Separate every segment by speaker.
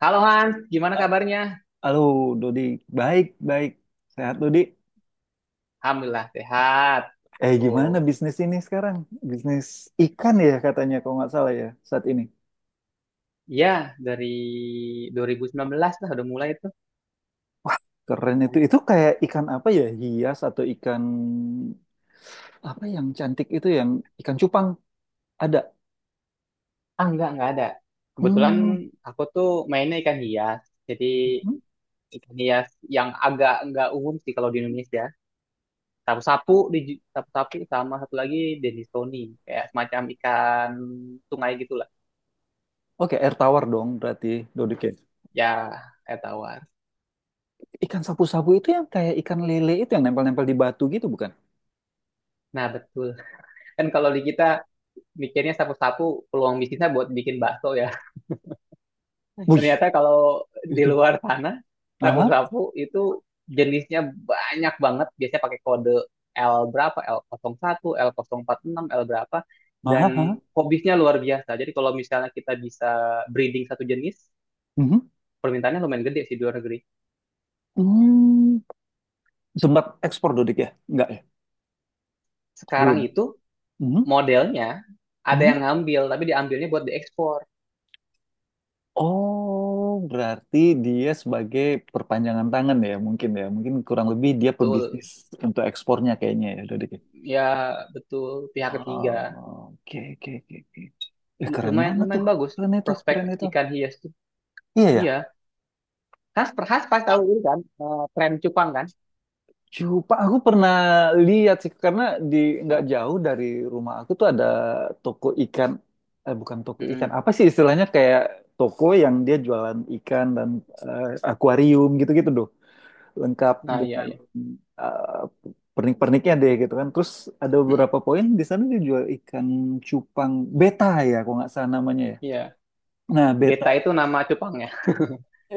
Speaker 1: Halo Hans, gimana
Speaker 2: Ah,
Speaker 1: kabarnya?
Speaker 2: Halo, Dodi. Baik, baik. Sehat, Dodi.
Speaker 1: Alhamdulillah sehat.
Speaker 2: Gimana
Speaker 1: Tuh,
Speaker 2: bisnis ini sekarang? Bisnis ikan ya katanya, kalau nggak salah ya, saat ini.
Speaker 1: ya dari 2019 lah udah mulai itu?
Speaker 2: Keren itu. Itu kayak ikan apa ya? Hias atau ikan... Apa yang cantik itu yang ikan cupang? Ada.
Speaker 1: Ah enggak ada. Kebetulan
Speaker 2: Hmm.
Speaker 1: aku tuh mainnya ikan hias. Jadi
Speaker 2: hmm.
Speaker 1: ikan hias yang agak enggak umum sih kalau di Indonesia. Sapu-sapu, sapu-sapu sama satu lagi Denisoni. Kayak semacam ikan sungai gitulah.
Speaker 2: Oke, air tawar dong berarti, Dodi. Oke.
Speaker 1: Ya, kayak tawar.
Speaker 2: Ikan sapu-sapu itu yang kayak ikan lele itu yang nempel-nempel di batu gitu, bukan?
Speaker 1: Nah betul. Kan kalau di kita mikirnya sapu-sapu peluang bisnisnya buat bikin bakso ya.
Speaker 2: Wih,
Speaker 1: Ternyata kalau di
Speaker 2: itu.
Speaker 1: luar tanah
Speaker 2: Ah,
Speaker 1: sapu-sapu itu jenisnya banyak banget. Biasanya pakai kode L berapa, L01, L046, L nol empat enam, L berapa. Dan
Speaker 2: ah, ah.
Speaker 1: hobisnya luar biasa. Jadi kalau misalnya kita bisa breeding satu jenis,
Speaker 2: Mhm.
Speaker 1: permintaannya lumayan gede sih di luar negeri.
Speaker 2: Hmm. Sempat ekspor, Dodik ya? Enggak ya?
Speaker 1: Sekarang
Speaker 2: Belum.
Speaker 1: itu
Speaker 2: Mhm,
Speaker 1: modelnya ada
Speaker 2: mhm.
Speaker 1: yang ngambil, tapi diambilnya buat diekspor.
Speaker 2: Oh, berarti dia sebagai perpanjangan tangan ya. Mungkin kurang lebih dia pebisnis
Speaker 1: Betul,
Speaker 2: untuk ekspornya kayaknya ya, Dodik. Ya?
Speaker 1: ya betul pihak
Speaker 2: Oh,
Speaker 1: ketiga.
Speaker 2: oke, oke, oke, oke.
Speaker 1: Lu-
Speaker 2: Keren
Speaker 1: Lumayan
Speaker 2: banget tuh.
Speaker 1: lumayan bagus
Speaker 2: Keren itu,
Speaker 1: prospek
Speaker 2: keren itu.
Speaker 1: ikan hias tuh.
Speaker 2: Iya
Speaker 1: Iya,
Speaker 2: ya.
Speaker 1: khas khas pas tahu ini kan, tren cupang kan.
Speaker 2: Aku pernah lihat sih karena di nggak
Speaker 1: Nah.
Speaker 2: jauh dari rumah aku tuh ada toko ikan. Eh, bukan toko ikan.
Speaker 1: Mm-mm.
Speaker 2: Apa sih istilahnya kayak toko yang dia jualan ikan dan akuarium gitu-gitu, doh. Lengkap
Speaker 1: Nah, iya,
Speaker 2: dengan
Speaker 1: iya.
Speaker 2: pernik-perniknya deh gitu kan. Terus ada
Speaker 1: Mm-mm.
Speaker 2: beberapa poin di sana dia jual ikan cupang beta ya, kalau nggak salah namanya ya.
Speaker 1: Iya,
Speaker 2: Nah, beta.
Speaker 1: beta itu nama cupangnya.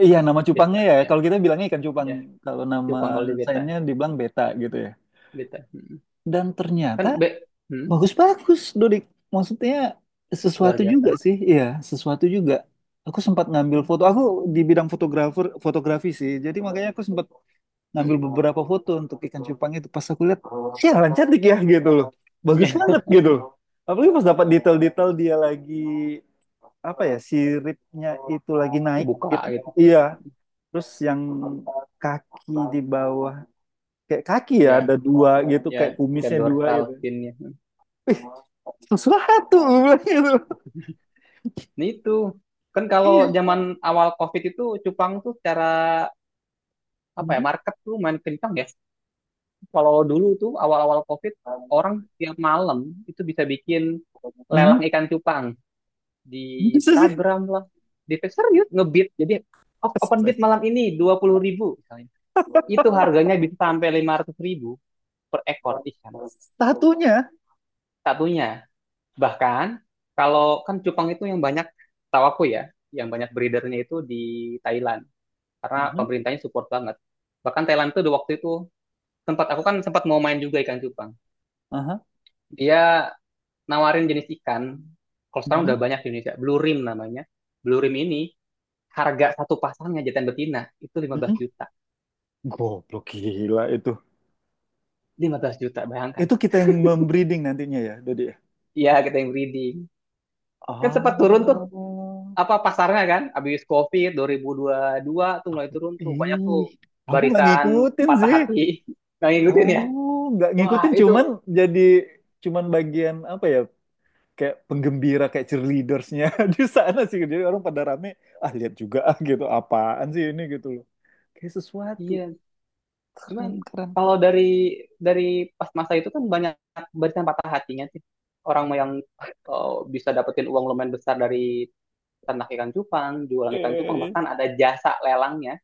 Speaker 2: Iya, nama cupangnya
Speaker 1: Beta,
Speaker 2: ya.
Speaker 1: ya,
Speaker 2: Kalau kita bilangnya ikan cupang,
Speaker 1: ya.
Speaker 2: kalau nama
Speaker 1: Cupang kalau di beta.
Speaker 2: sayapnya dibilang beta gitu ya.
Speaker 1: Beta. Mm-mm.
Speaker 2: Dan ternyata
Speaker 1: kan be Mm,
Speaker 2: bagus-bagus, Dodik. Maksudnya
Speaker 1: luar
Speaker 2: sesuatu juga
Speaker 1: biasa.
Speaker 2: sih, iya, sesuatu juga. Aku sempat ngambil foto. Aku di bidang fotografer, fotografi sih. Jadi makanya aku sempat ngambil
Speaker 1: Mm-mm.
Speaker 2: beberapa foto untuk ikan cupang itu pas aku lihat sialan cantik ya gitu loh bagus
Speaker 1: Iya.
Speaker 2: banget gitu loh. Apalagi pas dapat detail-detail dia lagi apa ya siripnya itu lagi naik
Speaker 1: Kebuka
Speaker 2: gitu
Speaker 1: gitu.
Speaker 2: iya terus yang kaki di bawah kayak kaki ya
Speaker 1: Ya,
Speaker 2: ada dua gitu
Speaker 1: ya,
Speaker 2: kayak
Speaker 1: ya,
Speaker 2: kumisnya dua
Speaker 1: dorsal
Speaker 2: gitu.
Speaker 1: finnya.
Speaker 2: Ih, sesuatu gue bilang gitu
Speaker 1: Nah, itu kan kalau
Speaker 2: iya.
Speaker 1: zaman awal covid itu cupang tuh secara apa ya,
Speaker 2: Mhm.
Speaker 1: market tuh main kencang ya. Kalau dulu tuh awal-awal covid orang tiap malam itu bisa bikin lelang
Speaker 2: Mhm.
Speaker 1: ikan cupang di
Speaker 2: Bisa sih.
Speaker 1: Instagram lah, di Twitter, serius ngebit. Jadi, oh, open bid
Speaker 2: Astaga.
Speaker 1: malam ini 20 ribu misalnya, itu harganya bisa sampai 500 ribu per ekor ikan
Speaker 2: Satunya.
Speaker 1: satunya. Bahkan kalau kan cupang itu yang banyak tahu aku ya, yang banyak breedernya itu di Thailand karena
Speaker 2: Aha,
Speaker 1: pemerintahnya support banget. Bahkan Thailand tuh di waktu itu sempat, aku kan sempat mau main juga ikan cupang,
Speaker 2: aha.
Speaker 1: dia nawarin jenis ikan, kalau sekarang
Speaker 2: Mhm,
Speaker 1: udah banyak di Indonesia blue rim namanya. Blue rim ini harga satu pasangnya jantan betina itu 15
Speaker 2: mhm.
Speaker 1: juta.
Speaker 2: Goblok gila itu.
Speaker 1: 15 juta, bayangkan.
Speaker 2: Itu kita yang membreeding nantinya ya, Dodi. Ya?
Speaker 1: Iya, kita yang breeding. Kan
Speaker 2: Ah,
Speaker 1: sempat turun tuh, apa, pasarnya kan habis Covid dua 2022 tuh mulai turun tuh banyak tuh
Speaker 2: ih, aku nggak
Speaker 1: barisan
Speaker 2: ngikutin
Speaker 1: patah
Speaker 2: sih.
Speaker 1: hati yang ngikutin ya.
Speaker 2: Oh, nggak
Speaker 1: Wah,
Speaker 2: ngikutin,
Speaker 1: itu
Speaker 2: cuman jadi cuman bagian apa ya? Kayak penggembira, kayak cheerleadersnya di sana sih. Jadi orang pada rame, ah lihat juga ah gitu, apaan sih ini gitu loh. Kayak sesuatu
Speaker 1: iya. Cuman
Speaker 2: keren keren.
Speaker 1: kalau dari pas masa itu kan banyak barisan patah hatinya sih. Orang yang, eh, bisa dapetin uang lumayan besar dari ternak ikan cupang, jualan ikan
Speaker 2: Iya
Speaker 1: cupang,
Speaker 2: iya
Speaker 1: bahkan ada jasa lelangnya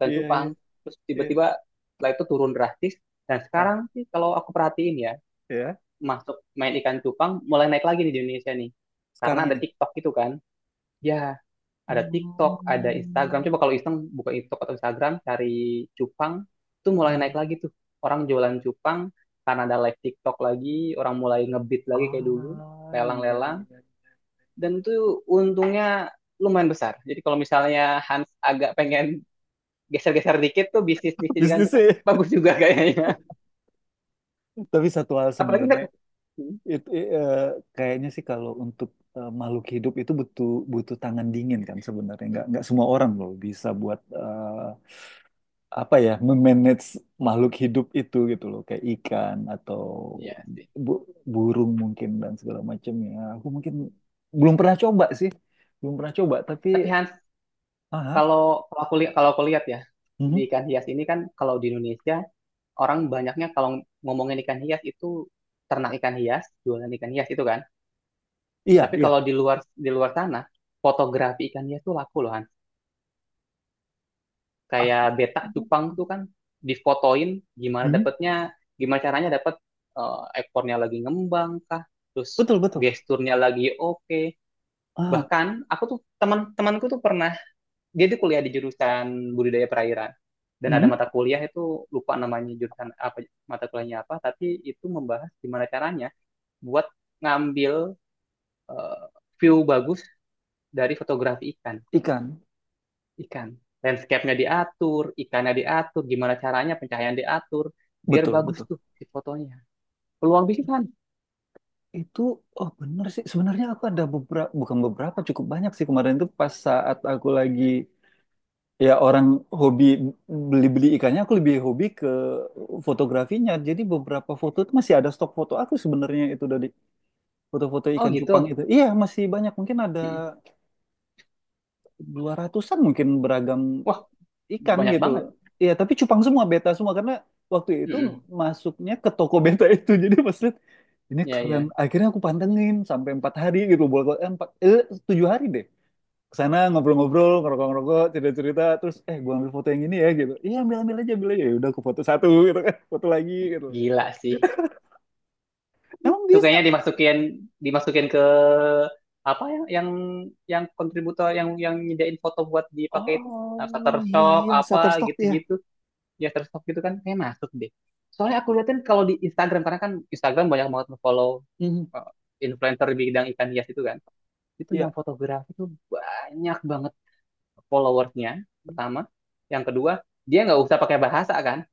Speaker 1: dan
Speaker 2: iya iya.
Speaker 1: cupang, terus
Speaker 2: iya.
Speaker 1: tiba-tiba setelah itu turun drastis. Dan
Speaker 2: Ah,
Speaker 1: sekarang sih kalau aku perhatiin ya,
Speaker 2: ya.
Speaker 1: masuk main ikan cupang mulai naik lagi nih di Indonesia nih karena
Speaker 2: Sekarang
Speaker 1: ada
Speaker 2: ini.
Speaker 1: TikTok gitu kan. Ya, ada TikTok, ada Instagram, coba kalau iseng buka TikTok atau Instagram cari cupang, itu mulai
Speaker 2: Hmm.
Speaker 1: naik lagi tuh orang jualan cupang karena ada live TikTok lagi, orang mulai ngebit lagi kayak dulu,
Speaker 2: Ah, iya,
Speaker 1: lelang-lelang.
Speaker 2: iya.
Speaker 1: Dan itu untungnya lumayan besar. Jadi kalau misalnya Hans agak pengen geser-geser dikit tuh, bisnis-bisnis di
Speaker 2: Bisnisnya.
Speaker 1: Jepang
Speaker 2: Ya.
Speaker 1: bagus juga kayaknya.
Speaker 2: Tapi satu hal
Speaker 1: Apalagi
Speaker 2: sebenarnya
Speaker 1: ntar,
Speaker 2: itu eh, kayaknya sih kalau untuk makhluk hidup itu butuh butuh tangan dingin kan sebenarnya nggak semua orang loh bisa buat apa ya memanage makhluk hidup itu gitu loh kayak ikan atau
Speaker 1: ya sih.
Speaker 2: bu- burung mungkin dan segala macamnya. Aku mungkin belum pernah coba sih, belum pernah coba tapi
Speaker 1: Tapi Hans,
Speaker 2: ah, ah,
Speaker 1: kalau kalau aku lihat ya, di
Speaker 2: mhm.
Speaker 1: ikan hias ini kan kalau di Indonesia orang banyaknya kalau ngomongin ikan hias itu ternak ikan hias, jualan ikan hias itu kan.
Speaker 2: Iya
Speaker 1: Tapi
Speaker 2: iya,
Speaker 1: kalau di luar sana fotografi ikan hias tuh laku loh Hans.
Speaker 2: ah,
Speaker 1: Kayak betak cupang tuh kan difotoin gimana
Speaker 2: mhm.
Speaker 1: dapetnya, gimana caranya dapet, ekornya lagi ngembang kah, terus
Speaker 2: Betul betul,
Speaker 1: gesturnya lagi oke.
Speaker 2: ah,
Speaker 1: Bahkan aku tuh teman-temanku tuh pernah, dia tuh kuliah di jurusan budidaya perairan dan ada mata
Speaker 2: mhm.
Speaker 1: kuliah itu, lupa namanya jurusan apa, mata kuliahnya apa, tapi itu membahas gimana caranya buat ngambil, eh, view bagus dari fotografi ikan.
Speaker 2: Ikan,
Speaker 1: Ikan, landscape-nya diatur, ikannya diatur, gimana caranya pencahayaan diatur biar
Speaker 2: betul,
Speaker 1: bagus
Speaker 2: betul.
Speaker 1: tuh si fotonya. Peluang bisnis kan.
Speaker 2: Itu, oh bener sih. Sebenarnya aku ada beberapa, bukan beberapa, cukup banyak sih kemarin itu pas saat aku lagi, ya orang hobi beli-beli ikannya, aku lebih hobi ke fotografinya. Jadi beberapa foto itu masih ada stok foto aku sebenarnya itu dari foto-foto
Speaker 1: Oh
Speaker 2: ikan cupang
Speaker 1: gitu.
Speaker 2: itu. Iya, masih banyak. Mungkin ada
Speaker 1: Mm-mm.
Speaker 2: 200-an mungkin beragam
Speaker 1: Wah,
Speaker 2: ikan
Speaker 1: banyak
Speaker 2: gitu loh.
Speaker 1: banget.
Speaker 2: Iya, tapi cupang semua beta semua karena waktu itu
Speaker 1: Mm-mm.
Speaker 2: masuknya ke toko beta itu. Jadi pas lihat ini
Speaker 1: Ya,
Speaker 2: keren.
Speaker 1: ya.
Speaker 2: Akhirnya aku pantengin sampai empat hari gitu bolak eh, empat eh, tujuh hari deh. Kesana ngobrol-ngobrol, ngerokok-ngerokok, cerita-cerita, terus gua ambil foto yang ini ya gitu. Iya ambil ambil aja, ambil aja. Ya udah aku foto satu gitu kan, foto lagi gitu.
Speaker 1: Gila sih.
Speaker 2: Emang
Speaker 1: Itu
Speaker 2: bisa?
Speaker 1: kayaknya dimasukin dimasukin ke apa, yang, yang kontributor, yang nyediain foto buat dipakai itu. Nah,
Speaker 2: Oh iya
Speaker 1: Shutterstock
Speaker 2: iya,
Speaker 1: apa
Speaker 2: Shutterstock ya.
Speaker 1: gitu-gitu, ya Shutterstock gitu kan, kayak masuk deh. Soalnya aku liatin kalau di Instagram, karena kan Instagram banyak banget follow
Speaker 2: Mhm,
Speaker 1: influencer di bidang ikan hias itu kan, itu yang
Speaker 2: Iya,
Speaker 1: fotografi itu banyak banget followersnya. Pertama, yang kedua, dia nggak usah pakai bahasa kan,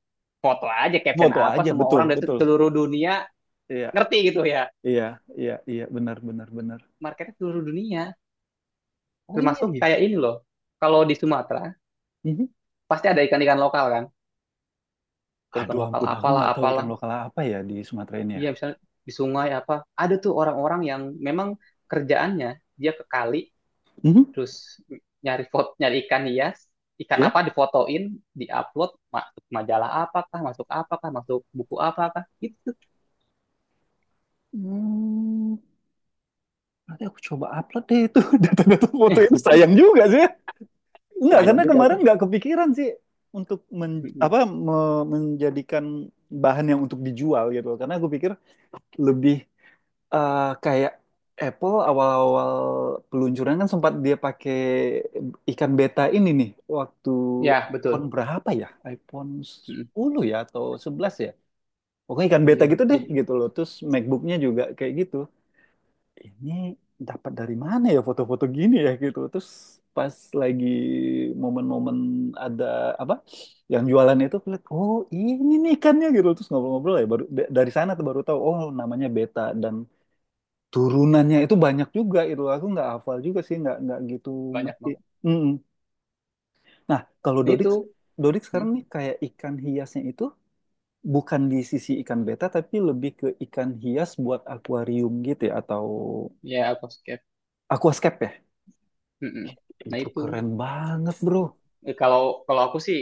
Speaker 1: foto aja caption
Speaker 2: foto
Speaker 1: apa,
Speaker 2: aja,
Speaker 1: semua
Speaker 2: betul
Speaker 1: orang dari
Speaker 2: betul.
Speaker 1: seluruh dunia
Speaker 2: Iya
Speaker 1: ngerti gitu ya,
Speaker 2: iya iya iya, benar benar benar.
Speaker 1: marketnya seluruh dunia.
Speaker 2: Oh iya
Speaker 1: Termasuk
Speaker 2: iya.
Speaker 1: kayak ini loh. Kalau di Sumatera,
Speaker 2: Mhm.
Speaker 1: pasti ada ikan-ikan lokal kan.
Speaker 2: Aduh
Speaker 1: Ikan-ikan lokal
Speaker 2: ampun, aku
Speaker 1: apalah,
Speaker 2: nggak tahu ikan
Speaker 1: apalah.
Speaker 2: lokal apa ya di Sumatera ini ya.
Speaker 1: Iya, misalnya di sungai apa. Ada tuh orang-orang yang memang kerjaannya, dia ke kali,
Speaker 2: Mhm.
Speaker 1: terus nyari foto, nyari ikan hias, ikan
Speaker 2: Ya?
Speaker 1: apa difotoin, diupload, masuk majalah apakah, masuk buku apakah, gitu.
Speaker 2: Hmm, nanti aku coba upload deh itu data-data foto itu. Sayang juga sih. Enggak,
Speaker 1: Lumayan
Speaker 2: karena
Speaker 1: juga
Speaker 2: kemarin
Speaker 1: kan.
Speaker 2: nggak kepikiran sih untuk
Speaker 1: Mm-mm.
Speaker 2: menjadikan bahan yang untuk dijual gitu. Karena aku pikir lebih kayak Apple awal-awal peluncuran kan sempat dia pakai ikan beta ini nih waktu
Speaker 1: Ya,
Speaker 2: iPhone
Speaker 1: betul.
Speaker 2: berapa ya? iPhone
Speaker 1: Mm-mm.
Speaker 2: sepuluh ya atau 11 ya? Pokoknya ikan beta
Speaker 1: Iya,
Speaker 2: gitu deh
Speaker 1: jadi
Speaker 2: gitu loh terus MacBooknya juga kayak gitu ini dapat dari mana ya foto-foto gini ya gitu terus pas lagi momen-momen ada apa yang jualan itu aku lihat oh ini nih ikannya gitu terus ngobrol-ngobrol ya baru dari sana tuh baru tahu oh namanya beta dan turunannya itu banyak juga itu aku nggak hafal juga sih nggak gitu
Speaker 1: banyak
Speaker 2: ngerti.
Speaker 1: banget.
Speaker 2: Mm-mm. Nah kalau
Speaker 1: Nah
Speaker 2: Dodik
Speaker 1: itu.
Speaker 2: Dodik
Speaker 1: Mm.
Speaker 2: sekarang nih kayak ikan hiasnya itu bukan di sisi ikan beta tapi lebih ke ikan hias buat akuarium gitu ya atau
Speaker 1: Ya, aquascape.
Speaker 2: aquascape ya
Speaker 1: Mm-mm. Nah
Speaker 2: itu
Speaker 1: itu.
Speaker 2: keren banget bro.
Speaker 1: Eh, Kalau kalau aku sih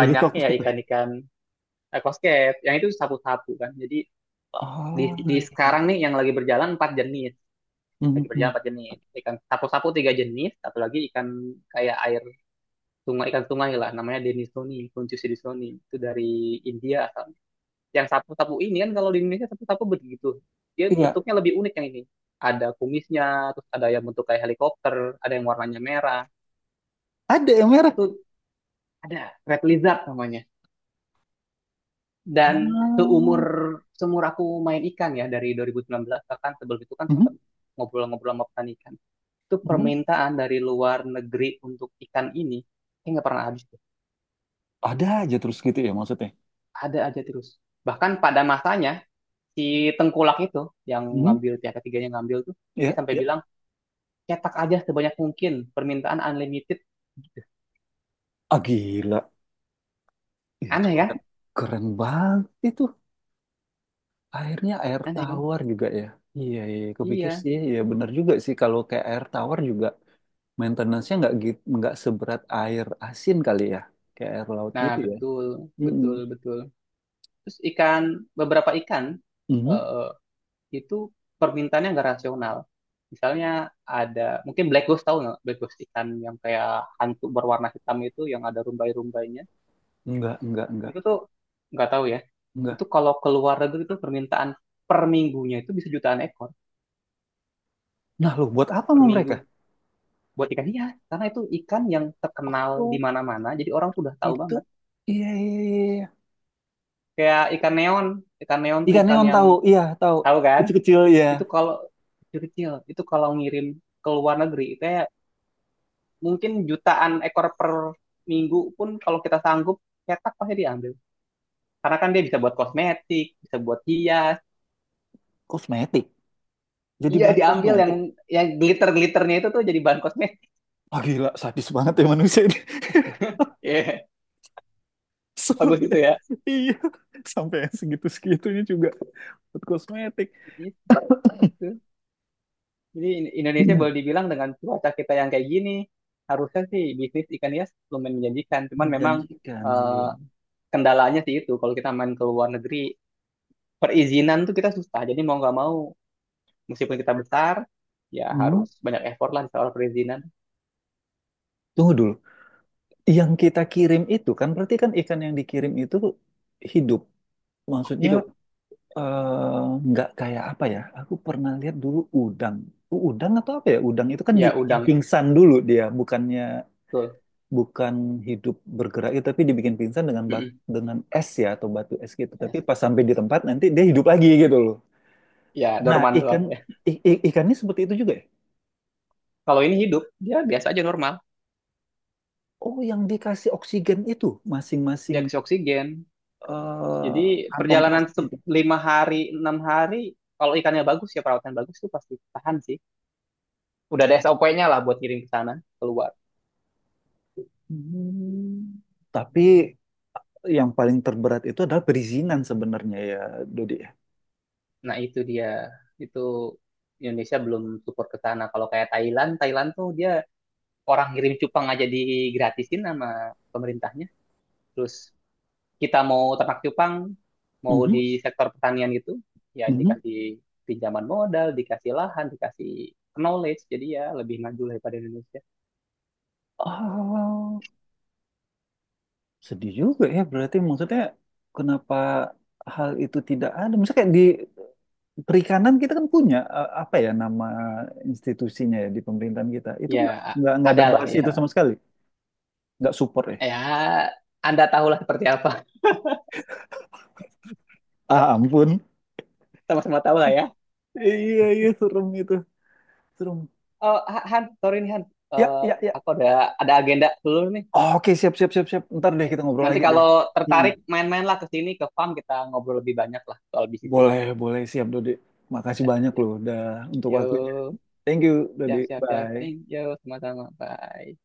Speaker 2: Lebih ke
Speaker 1: ya
Speaker 2: aquascape ya
Speaker 1: ikan-ikan aquascape. Yang itu sapu-sapu kan. Jadi di,
Speaker 2: oh
Speaker 1: di
Speaker 2: iya.
Speaker 1: sekarang nih yang lagi berjalan empat jenis. Lagi berjalan
Speaker 2: Mhm.
Speaker 1: empat jenis. Ikan sapu-sapu tiga jenis. Satu lagi ikan kayak air sungai, ikan sungai lah. Namanya Denisoni, Kuntius denisoni. Itu dari India asalnya. Yang sapu-sapu ini kan kalau di Indonesia sapu-sapu begitu. Dia
Speaker 2: Iya
Speaker 1: bentuknya lebih unik yang ini. Ada kumisnya, terus ada yang bentuk kayak helikopter, ada yang warnanya merah.
Speaker 2: ada yang merah
Speaker 1: Itu ada red lizard namanya. Dan seumur
Speaker 2: ah.
Speaker 1: seumur aku main ikan ya dari 2019, bahkan sebelum itu kan sempat
Speaker 2: Mhm.
Speaker 1: ngobrol-ngobrol sama petani ikan, itu
Speaker 2: Mhm.
Speaker 1: permintaan dari luar negeri untuk ikan ini kayak nggak pernah habis tuh,
Speaker 2: Ada aja terus gitu ya maksudnya.
Speaker 1: ada aja terus. Bahkan pada masanya si tengkulak itu yang
Speaker 2: Mhm.
Speaker 1: ngambil, pihak ketiganya ngambil tuh, dia
Speaker 2: Ya
Speaker 1: sampai
Speaker 2: ya
Speaker 1: bilang cetak aja sebanyak mungkin, permintaan unlimited,
Speaker 2: ah gila itu
Speaker 1: aneh kan.
Speaker 2: keren keren banget itu airnya air
Speaker 1: Aneh kan.
Speaker 2: tawar juga ya iya iya iya. Kepikir
Speaker 1: Iya,
Speaker 2: sih ya bener juga sih kalau kayak air tawar juga maintenance-nya nggak gitu, nggak seberat air asin kali ya, kayak air laut
Speaker 1: nah
Speaker 2: gitu ya.
Speaker 1: betul,
Speaker 2: Mm-mm.
Speaker 1: betul, betul. Terus ikan, beberapa ikan,
Speaker 2: Mhm.
Speaker 1: eh, itu permintaannya nggak rasional. Misalnya ada, mungkin black ghost, tahu nggak? Black ghost ikan yang kayak hantu berwarna hitam itu, yang ada rumbai-rumbainya.
Speaker 2: Nggak,
Speaker 1: Itu tuh nggak tahu ya.
Speaker 2: nggak.
Speaker 1: Itu kalau keluar negeri itu permintaan per minggunya itu bisa jutaan ekor
Speaker 2: Nah, lu buat apa
Speaker 1: per
Speaker 2: sama mereka?
Speaker 1: minggu, buat ikan iya, karena itu ikan yang terkenal di
Speaker 2: Oh,
Speaker 1: mana-mana, jadi orang tuh udah tahu
Speaker 2: itu.
Speaker 1: banget.
Speaker 2: Iya, iya, iya. iya.
Speaker 1: Kayak ikan neon, ikan neon tuh
Speaker 2: Ikan
Speaker 1: ikan
Speaker 2: neon
Speaker 1: yang
Speaker 2: tahu, iya tahu.
Speaker 1: tahu kan,
Speaker 2: Kecil-kecil ya,
Speaker 1: itu kalau kecil-kecil itu, kalau ngirim ke luar negeri itu ya mungkin jutaan ekor per minggu pun, kalau kita sanggup cetak pasti diambil. Karena kan dia bisa buat kosmetik, bisa buat hias.
Speaker 2: kosmetik. Jadi
Speaker 1: Iya,
Speaker 2: bahan
Speaker 1: diambil yang
Speaker 2: kosmetik.
Speaker 1: yang glitter-glitternya itu tuh jadi bahan kosmetik.
Speaker 2: Ah, gila, sadis banget ya manusia ini.
Speaker 1: Iya,
Speaker 2: Serem
Speaker 1: bagus
Speaker 2: ya.
Speaker 1: itu ya.
Speaker 2: Iya, sampai yang segitu-segitunya juga buat kosmetik.
Speaker 1: Gitu. Jadi Indonesia boleh dibilang dengan cuaca kita yang kayak gini, harusnya sih bisnis ikan hias lumayan menjanjikan. Cuman memang,
Speaker 2: Menjanjikan, iya.
Speaker 1: eh, kendalanya sih itu kalau kita main ke luar negeri perizinan tuh kita susah. Jadi mau nggak mau, meskipun kita besar, ya
Speaker 2: Hmm,
Speaker 1: harus banyak effort lah di soal perizinan.
Speaker 2: Tunggu dulu. Yang kita kirim itu kan berarti kan ikan yang dikirim itu hidup. Maksudnya
Speaker 1: Hidup.
Speaker 2: eh, nggak kayak apa ya? Aku pernah lihat dulu udang. Udang atau apa ya? Udang itu kan
Speaker 1: Ya,
Speaker 2: dibikin
Speaker 1: udang.
Speaker 2: pingsan dulu dia, bukannya
Speaker 1: Betul.
Speaker 2: bukan hidup bergerak itu, tapi dibikin pingsan
Speaker 1: Mm-mm.
Speaker 2: dengan es ya atau batu es gitu. Tapi
Speaker 1: Es.
Speaker 2: pas sampai di tempat nanti dia hidup lagi gitu loh.
Speaker 1: Ya,
Speaker 2: Nah,
Speaker 1: dorman doang
Speaker 2: ikan
Speaker 1: ya.
Speaker 2: ikannya seperti itu juga ya?
Speaker 1: Kalau ini hidup, dia biasa aja normal.
Speaker 2: Oh, yang dikasih oksigen itu masing-masing
Speaker 1: Dia kasih oksigen.
Speaker 2: eh,
Speaker 1: Jadi
Speaker 2: kantong
Speaker 1: perjalanan
Speaker 2: plastiknya itu.
Speaker 1: 5 hari, 6 hari, kalau ikannya bagus ya, perawatan bagus tuh pasti tahan sih. Udah ada SOP-nya lah buat kirim ke sana, keluar.
Speaker 2: Hmm. Tapi yang paling terberat itu adalah perizinan sebenarnya ya, Dodi. Ya.
Speaker 1: Nah itu dia. Itu Indonesia belum support ke sana. Kalau kayak Thailand, Thailand tuh dia orang ngirim cupang aja digratisin sama pemerintahnya. Terus kita mau ternak cupang, mau di
Speaker 2: Mhm,
Speaker 1: sektor pertanian gitu, ya
Speaker 2: mhm.
Speaker 1: dikasih pinjaman modal, dikasih lahan, dikasih knowledge, jadi ya lebih maju daripada Indonesia.
Speaker 2: Oh, sedih juga ya. Berarti maksudnya kenapa hal itu tidak ada? Misalnya kayak di perikanan kita kan punya apa ya nama institusinya ya di pemerintahan kita. Itu
Speaker 1: Ya, a-
Speaker 2: nggak ada
Speaker 1: ada lah
Speaker 2: bahas itu
Speaker 1: ya.
Speaker 2: sama sekali. Nggak support ya.
Speaker 1: Ya, Anda tahulah seperti apa.
Speaker 2: Ah ampun.
Speaker 1: Sama-sama tahu lah ya.
Speaker 2: Iya iya serem itu. Serem.
Speaker 1: Oh, Han, sorry nih Han.
Speaker 2: Ya
Speaker 1: Eh,
Speaker 2: ya ya.
Speaker 1: aku ada agenda dulu nih.
Speaker 2: Oke siap siap siap siap. Ntar deh
Speaker 1: Ya,
Speaker 2: kita ngobrol
Speaker 1: nanti
Speaker 2: lagi deh.
Speaker 1: kalau
Speaker 2: Hmm.
Speaker 1: tertarik, main-main lah ke sini ke farm, kita ngobrol lebih banyak lah soal bisnis ikan.
Speaker 2: Boleh, boleh siap Dodi. Makasih
Speaker 1: Siap,
Speaker 2: banyak
Speaker 1: siap.
Speaker 2: loh udah untuk waktunya.
Speaker 1: Yo,
Speaker 2: Thank you Dodi.
Speaker 1: siap, siap, siap.
Speaker 2: Bye.
Speaker 1: Thank you. Sama-sama. Bye.